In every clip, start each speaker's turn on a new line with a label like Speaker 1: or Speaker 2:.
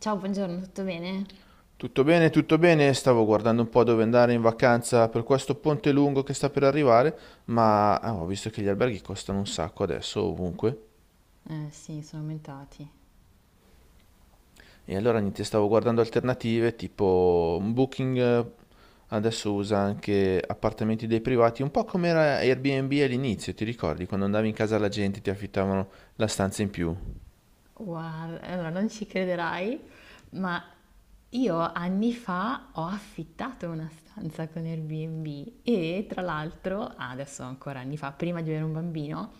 Speaker 1: Ciao, buongiorno, tutto bene?
Speaker 2: Tutto bene, stavo guardando un po' dove andare in vacanza per questo ponte lungo che sta per arrivare, ma ho visto che gli alberghi costano un sacco adesso ovunque.
Speaker 1: Eh sì, sono aumentati.
Speaker 2: E allora niente, stavo guardando alternative tipo un Booking, adesso usa anche appartamenti dei privati, un po' come era Airbnb all'inizio, ti ricordi? Quando andavi in casa alla gente ti affittavano la stanza in più.
Speaker 1: Guarda, allora non ci crederai, ma io anni fa ho affittato una stanza con Airbnb e tra l'altro, ah, adesso ancora anni fa, prima di avere un bambino,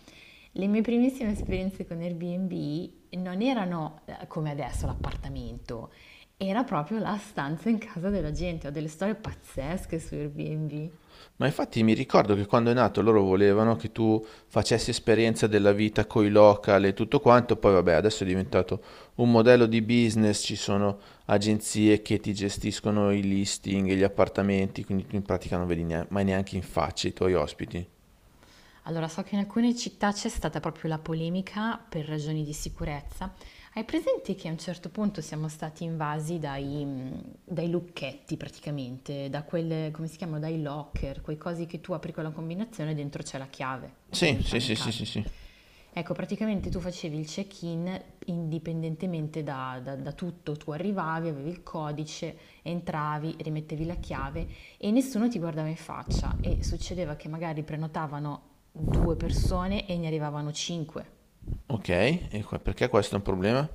Speaker 1: le mie primissime esperienze con Airbnb non erano come adesso l'appartamento, era proprio la stanza in casa della gente. Ho delle storie pazzesche su Airbnb.
Speaker 2: Ma infatti mi ricordo che quando è nato loro volevano che tu facessi esperienza della vita coi local e tutto quanto, poi vabbè, adesso è diventato un modello di business, ci sono agenzie che ti gestiscono i listing e gli appartamenti, quindi tu in pratica non vedi mai neanche in faccia i tuoi ospiti.
Speaker 1: Allora, so che in alcune città c'è stata proprio la polemica per ragioni di sicurezza. Hai presente che a un certo punto siamo stati invasi dai lucchetti praticamente, da quelle, come si chiamano, dai locker, quei cosi che tu apri con la combinazione e dentro c'è la chiave per
Speaker 2: Sì, sì,
Speaker 1: entrare in
Speaker 2: sì, sì,
Speaker 1: casa.
Speaker 2: sì, sì.
Speaker 1: Ecco, praticamente tu facevi il check-in indipendentemente da tutto, tu arrivavi, avevi il codice, entravi, rimettevi la chiave e nessuno ti guardava in faccia e succedeva che magari prenotavano due persone e ne arrivavano cinque.
Speaker 2: Ok, e perché questo è un problema?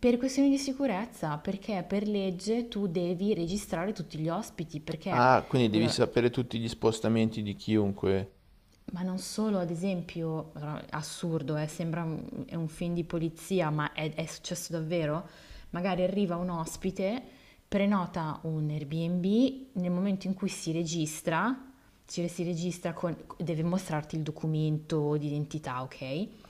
Speaker 1: Per questioni di sicurezza, perché per legge tu devi registrare tutti gli ospiti, perché
Speaker 2: Ah, quindi devi
Speaker 1: allora.
Speaker 2: sapere tutti gli spostamenti di chiunque.
Speaker 1: Ma non solo, ad esempio, allora, assurdo, sembra un, è un film di polizia, ma è successo davvero? Magari arriva un ospite, prenota un Airbnb, nel momento in cui si registra, si registra con, deve mostrarti il documento d'identità, ok?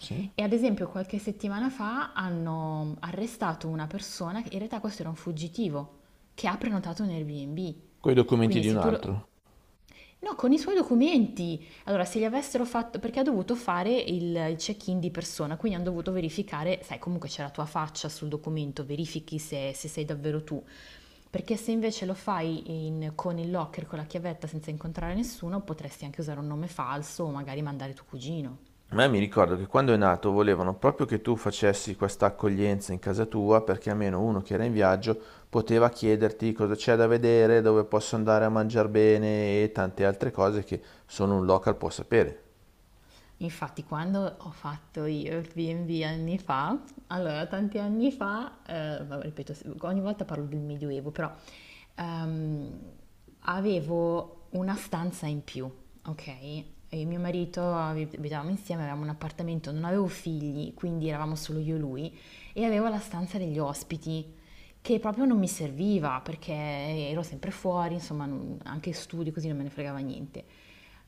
Speaker 2: Sì?
Speaker 1: E ad esempio qualche settimana fa hanno arrestato una persona, che in realtà questo era un fuggitivo, che ha prenotato un Airbnb.
Speaker 2: Coi documenti
Speaker 1: Quindi
Speaker 2: di un
Speaker 1: se tu lo-
Speaker 2: altro.
Speaker 1: no, con i suoi documenti. Allora, se gli avessero fatto, perché ha dovuto fare il check-in di persona, quindi hanno dovuto verificare, sai, comunque c'è la tua faccia sul documento, verifichi se, se sei davvero tu. Perché se invece lo fai in- con il locker, con la chiavetta, senza incontrare nessuno, potresti anche usare un nome falso o magari mandare tuo cugino.
Speaker 2: Ma mi ricordo che quando è nato volevano proprio che tu facessi questa accoglienza in casa tua perché almeno uno che era in viaggio poteva chiederti cosa c'è da vedere, dove posso andare a mangiare bene e tante altre cose che solo un local può sapere.
Speaker 1: Infatti, quando ho fatto io il B&B anni fa, allora tanti anni fa, vabbè, ripeto, ogni volta parlo del Medioevo, però ehm, avevo una stanza in più, ok? E mio marito abit- abitavamo insieme, avevamo un appartamento, non avevo figli, quindi eravamo solo io e lui, e avevo la stanza degli ospiti che proprio non mi serviva perché ero sempre fuori, insomma, non- anche studi così non me ne fregava niente.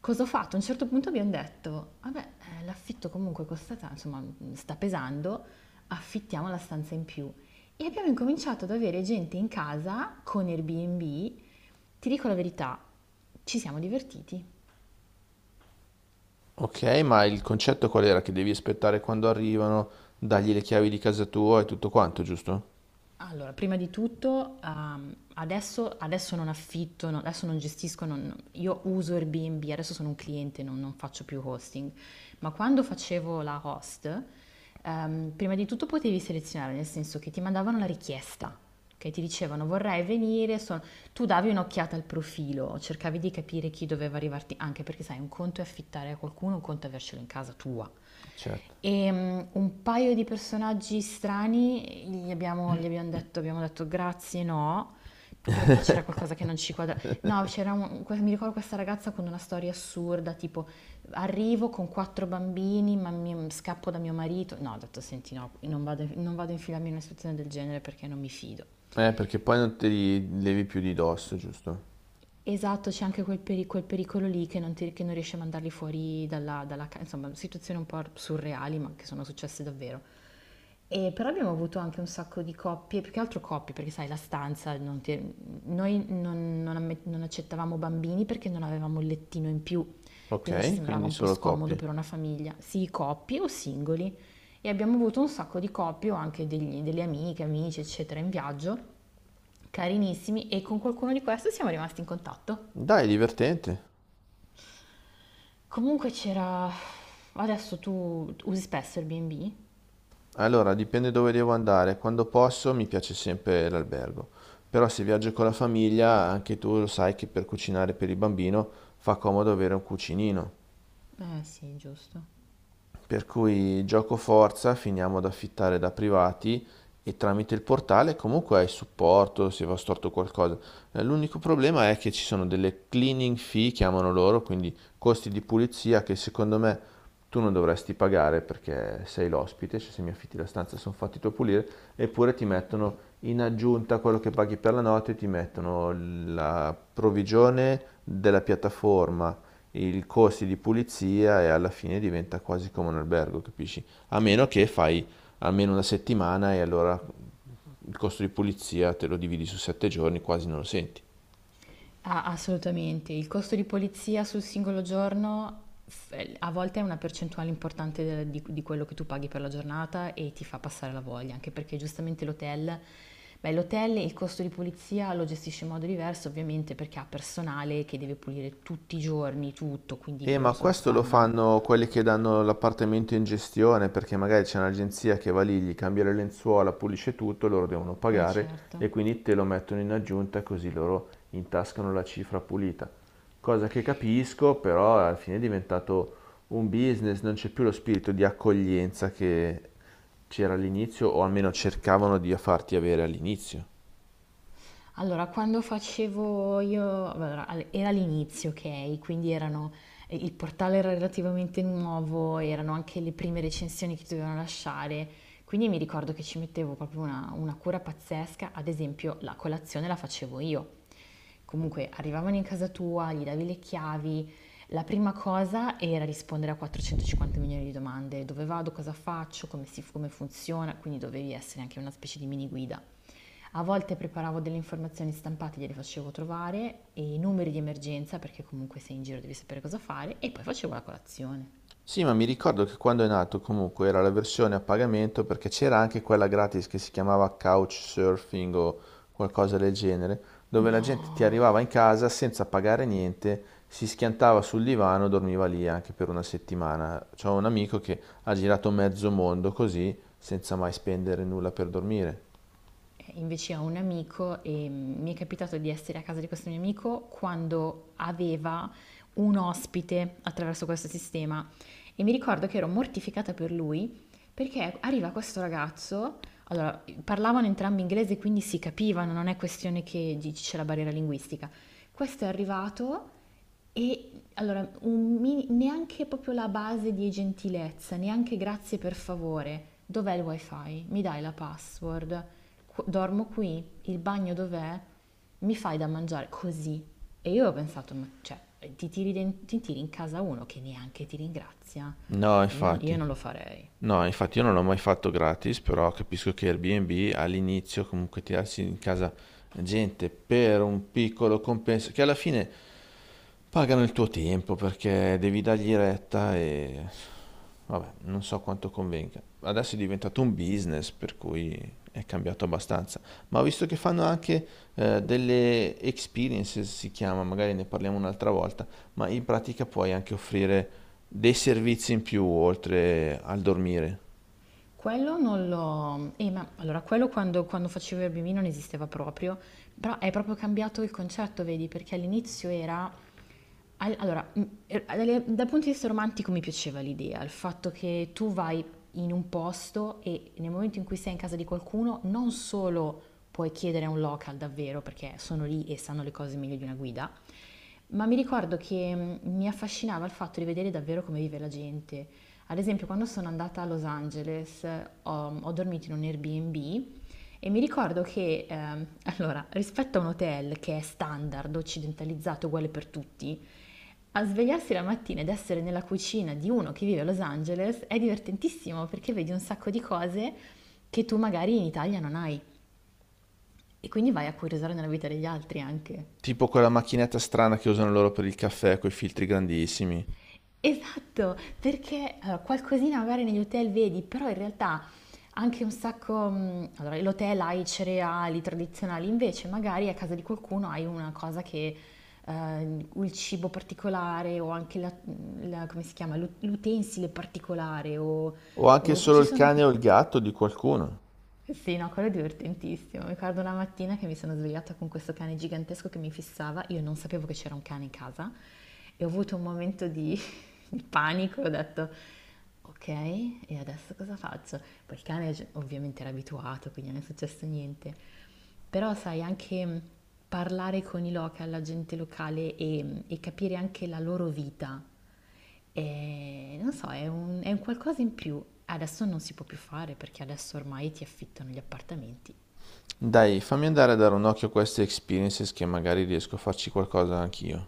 Speaker 1: Cosa ho fatto? A un certo punto abbiamo detto, vabbè, l'affitto comunque costa, ta- insomma, sta pesando, affittiamo la stanza in più. E abbiamo incominciato ad avere gente in casa con Airbnb. Ti dico la verità, ci siamo divertiti.
Speaker 2: Ok, ma il concetto qual era? Che devi aspettare quando arrivano, dargli le chiavi di casa tua e tutto quanto, giusto?
Speaker 1: Allora, prima di tutto, adesso, adesso non affitto, no- adesso non gestisco, non- io uso Airbnb, adesso sono un cliente, non, non faccio più hosting, ma quando facevo la host, prima di tutto potevi selezionare, nel senso che ti mandavano la richiesta, che ti dicevano vorrei venire, sono- tu davi un'occhiata al profilo, cercavi di capire chi doveva arrivarti, anche perché sai, un conto è affittare a qualcuno, un conto è avercelo in casa tua.
Speaker 2: Certo.
Speaker 1: E un paio di personaggi strani gli abbiamo detto grazie, no, perché c'era qualcosa che non ci quadra. No, c'era un- que- mi ricordo questa ragazza con una storia assurda, tipo arrivo con quattro bambini, ma mi- scappo da mio marito. No, ho detto senti, no, non vado, non vado a infilarmi in una situazione del genere perché non mi fido.
Speaker 2: Perché poi non te li levi più di dosso, giusto?
Speaker 1: Esatto, c'è anche quel, peri- quel pericolo lì che non, ti- che non riesci a mandarli fuori dalla, dalla casa, insomma, situazioni un po' surreali ma che sono successe davvero. E però abbiamo avuto anche un sacco di coppie, più che altro coppie, perché sai, la stanza, non ti- noi non, non amme- non accettavamo bambini perché non avevamo il lettino in più, quindi ci
Speaker 2: Ok,
Speaker 1: sembrava
Speaker 2: quindi
Speaker 1: un po'
Speaker 2: solo
Speaker 1: scomodo
Speaker 2: coppie.
Speaker 1: per una famiglia, sì, coppie o singoli. E abbiamo avuto un sacco di coppie o anche degli- delle amiche, amici, eccetera, in viaggio, carinissimi, e con qualcuno di questi siamo rimasti in contatto.
Speaker 2: Dai, divertente.
Speaker 1: Comunque c'era... Adesso tu usi spesso il B&B?
Speaker 2: Allora, dipende dove devo andare. Quando posso mi piace sempre l'albergo. Però se viaggio con la famiglia, anche tu lo sai che per cucinare per il bambino fa comodo avere un cucinino.
Speaker 1: Eh sì, giusto.
Speaker 2: Per cui giocoforza finiamo ad affittare da privati e tramite il portale comunque hai supporto se va storto qualcosa. L'unico problema è che ci sono delle cleaning fee, chiamano loro, quindi costi di pulizia che secondo me tu non dovresti pagare perché sei l'ospite, cioè se mi affitti la stanza sono fatti tu a pulire, eppure ti mettono in aggiunta a quello che paghi per la notte, ti mettono la provvigione della piattaforma, i costi di pulizia e alla fine diventa quasi come un albergo, capisci? A meno che fai almeno una settimana e allora il costo di pulizia te lo dividi su sette giorni, quasi non lo senti.
Speaker 1: Ah, assolutamente. Il costo di polizia sul singolo giorno f- a volte è una percentuale importante del- di quello che tu paghi per la giornata e ti fa passare la voglia, anche perché giustamente l'hotel, beh, l'hotel il costo di polizia lo gestisce in modo diverso, ovviamente, perché ha personale che deve pulire tutti i giorni tutto, quindi
Speaker 2: Ma
Speaker 1: loro se lo
Speaker 2: questo lo
Speaker 1: spalmano.
Speaker 2: fanno quelli che danno l'appartamento in gestione, perché magari c'è un'agenzia che va lì, gli cambia le lenzuola, pulisce tutto, loro devono
Speaker 1: Eh
Speaker 2: pagare
Speaker 1: certo.
Speaker 2: e quindi te lo mettono in aggiunta così loro intascano la cifra pulita. Cosa che capisco, però alla fine è diventato un business, non c'è più lo spirito di accoglienza che c'era all'inizio, o almeno cercavano di farti avere all'inizio.
Speaker 1: Allora, quando facevo io, allora, al- era l'inizio, ok? Quindi erano, il portale era relativamente nuovo, erano anche le prime recensioni che dovevano lasciare, quindi mi ricordo che ci mettevo proprio una cura pazzesca, ad esempio la colazione la facevo io. Comunque arrivavano in casa tua, gli davi le chiavi, la prima cosa era rispondere a 450 milioni di domande, dove vado, cosa faccio, come si, come funziona, quindi dovevi essere anche una specie di mini guida. A volte preparavo delle informazioni stampate, gliele facevo trovare e i numeri di emergenza, perché comunque sei in giro devi sapere cosa fare, e poi facevo la colazione.
Speaker 2: Sì, ma mi ricordo che quando è nato comunque era la versione a pagamento perché c'era anche quella gratis che si chiamava Couchsurfing o qualcosa del genere, dove la gente ti
Speaker 1: No,
Speaker 2: arrivava in casa senza pagare niente, si schiantava sul divano, dormiva lì anche per una settimana. C'ho un amico che ha girato mezzo mondo così, senza mai spendere nulla per dormire.
Speaker 1: eh, invece ho un amico e mi è capitato di essere a casa di questo mio amico quando aveva un ospite attraverso questo sistema e mi ricordo che ero mortificata per lui perché arriva questo ragazzo, allora parlavano entrambi inglese quindi si capivano, non è questione che dici c'è la barriera linguistica. Questo è arrivato. E allora, un mini- neanche proprio la base di gentilezza, neanche grazie per favore. Dov'è il wifi? Mi dai la password? Qu- dormo qui? Il bagno dov'è? Mi fai da mangiare? Così. E io ho pensato, ma cioè, ti tiri, den- ti tiri in casa uno che neanche ti ringrazia?
Speaker 2: No,
Speaker 1: Io non
Speaker 2: infatti.
Speaker 1: lo farei.
Speaker 2: No, infatti io non l'ho mai fatto gratis, però capisco che Airbnb all'inizio comunque tirarsi in casa gente per un piccolo compenso, che alla fine pagano il tuo tempo perché devi dargli retta e vabbè, non so quanto convenga. Adesso è diventato un business, per cui è cambiato abbastanza. Ma ho visto che fanno anche delle experiences, si chiama, magari ne parliamo un'altra volta, ma in pratica puoi anche offrire dei servizi in più oltre al dormire.
Speaker 1: Quello non lo... ma allora, quello quando, quando facevo il bimino non esisteva proprio, però è proprio cambiato il concetto, vedi, perché all'inizio era al- allora, dalle- dal punto di vista romantico mi piaceva l'idea, il fatto che tu vai in un posto e nel momento in cui sei in casa di qualcuno non solo puoi chiedere a un local davvero perché sono lì e sanno le cose meglio di una guida, ma mi ricordo che mi affascinava il fatto di vedere davvero come vive la gente. Ad esempio, quando sono andata a Los Angeles, ho, ho dormito in un Airbnb e mi ricordo che, allora, rispetto a un hotel che è standard, occidentalizzato, uguale per tutti, a svegliarsi la mattina ed essere nella cucina di uno che vive a Los Angeles è divertentissimo perché vedi un sacco di cose che tu magari in Italia non hai e quindi vai a curiosare nella vita degli altri anche.
Speaker 2: Tipo quella macchinetta strana che usano loro per il caffè coi filtri grandissimi.
Speaker 1: Esatto, perché allora, qualcosina magari negli hotel vedi, però in realtà anche un sacco, allora l'hotel ha i cereali tradizionali, invece magari a casa di qualcuno hai una cosa che, il cibo particolare o anche la, la- come si chiama, l'u- l'utensile particolare
Speaker 2: O anche
Speaker 1: o
Speaker 2: solo
Speaker 1: ci
Speaker 2: il
Speaker 1: sono,
Speaker 2: cane o il gatto di qualcuno.
Speaker 1: sì, no, quello è divertentissimo. Mi ricordo una mattina che mi sono svegliata con questo cane gigantesco che mi fissava, io non sapevo che c'era un cane in casa e ho avuto un momento di, di panico, ho detto ok, e adesso cosa faccio? Poi il cane gi- ovviamente era abituato, quindi non è successo niente. Però sai, anche parlare con i local, la gente locale e, e capire anche la loro vita e non so, è un qualcosa in più. Adesso non si può più fare perché adesso ormai ti affittano gli appartamenti.
Speaker 2: Dai, fammi andare a dare un occhio a queste experiences che magari riesco a farci qualcosa anch'io.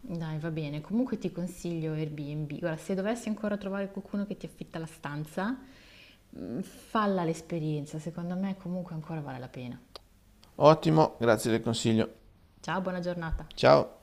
Speaker 1: Dai, va bene. Comunque ti consiglio Airbnb. Guarda, se dovessi ancora trovare qualcuno che ti affitta la stanza, falla l'esperienza. Secondo me comunque ancora vale la pena.
Speaker 2: Ottimo, grazie del consiglio.
Speaker 1: Ciao, buona giornata.
Speaker 2: Ciao!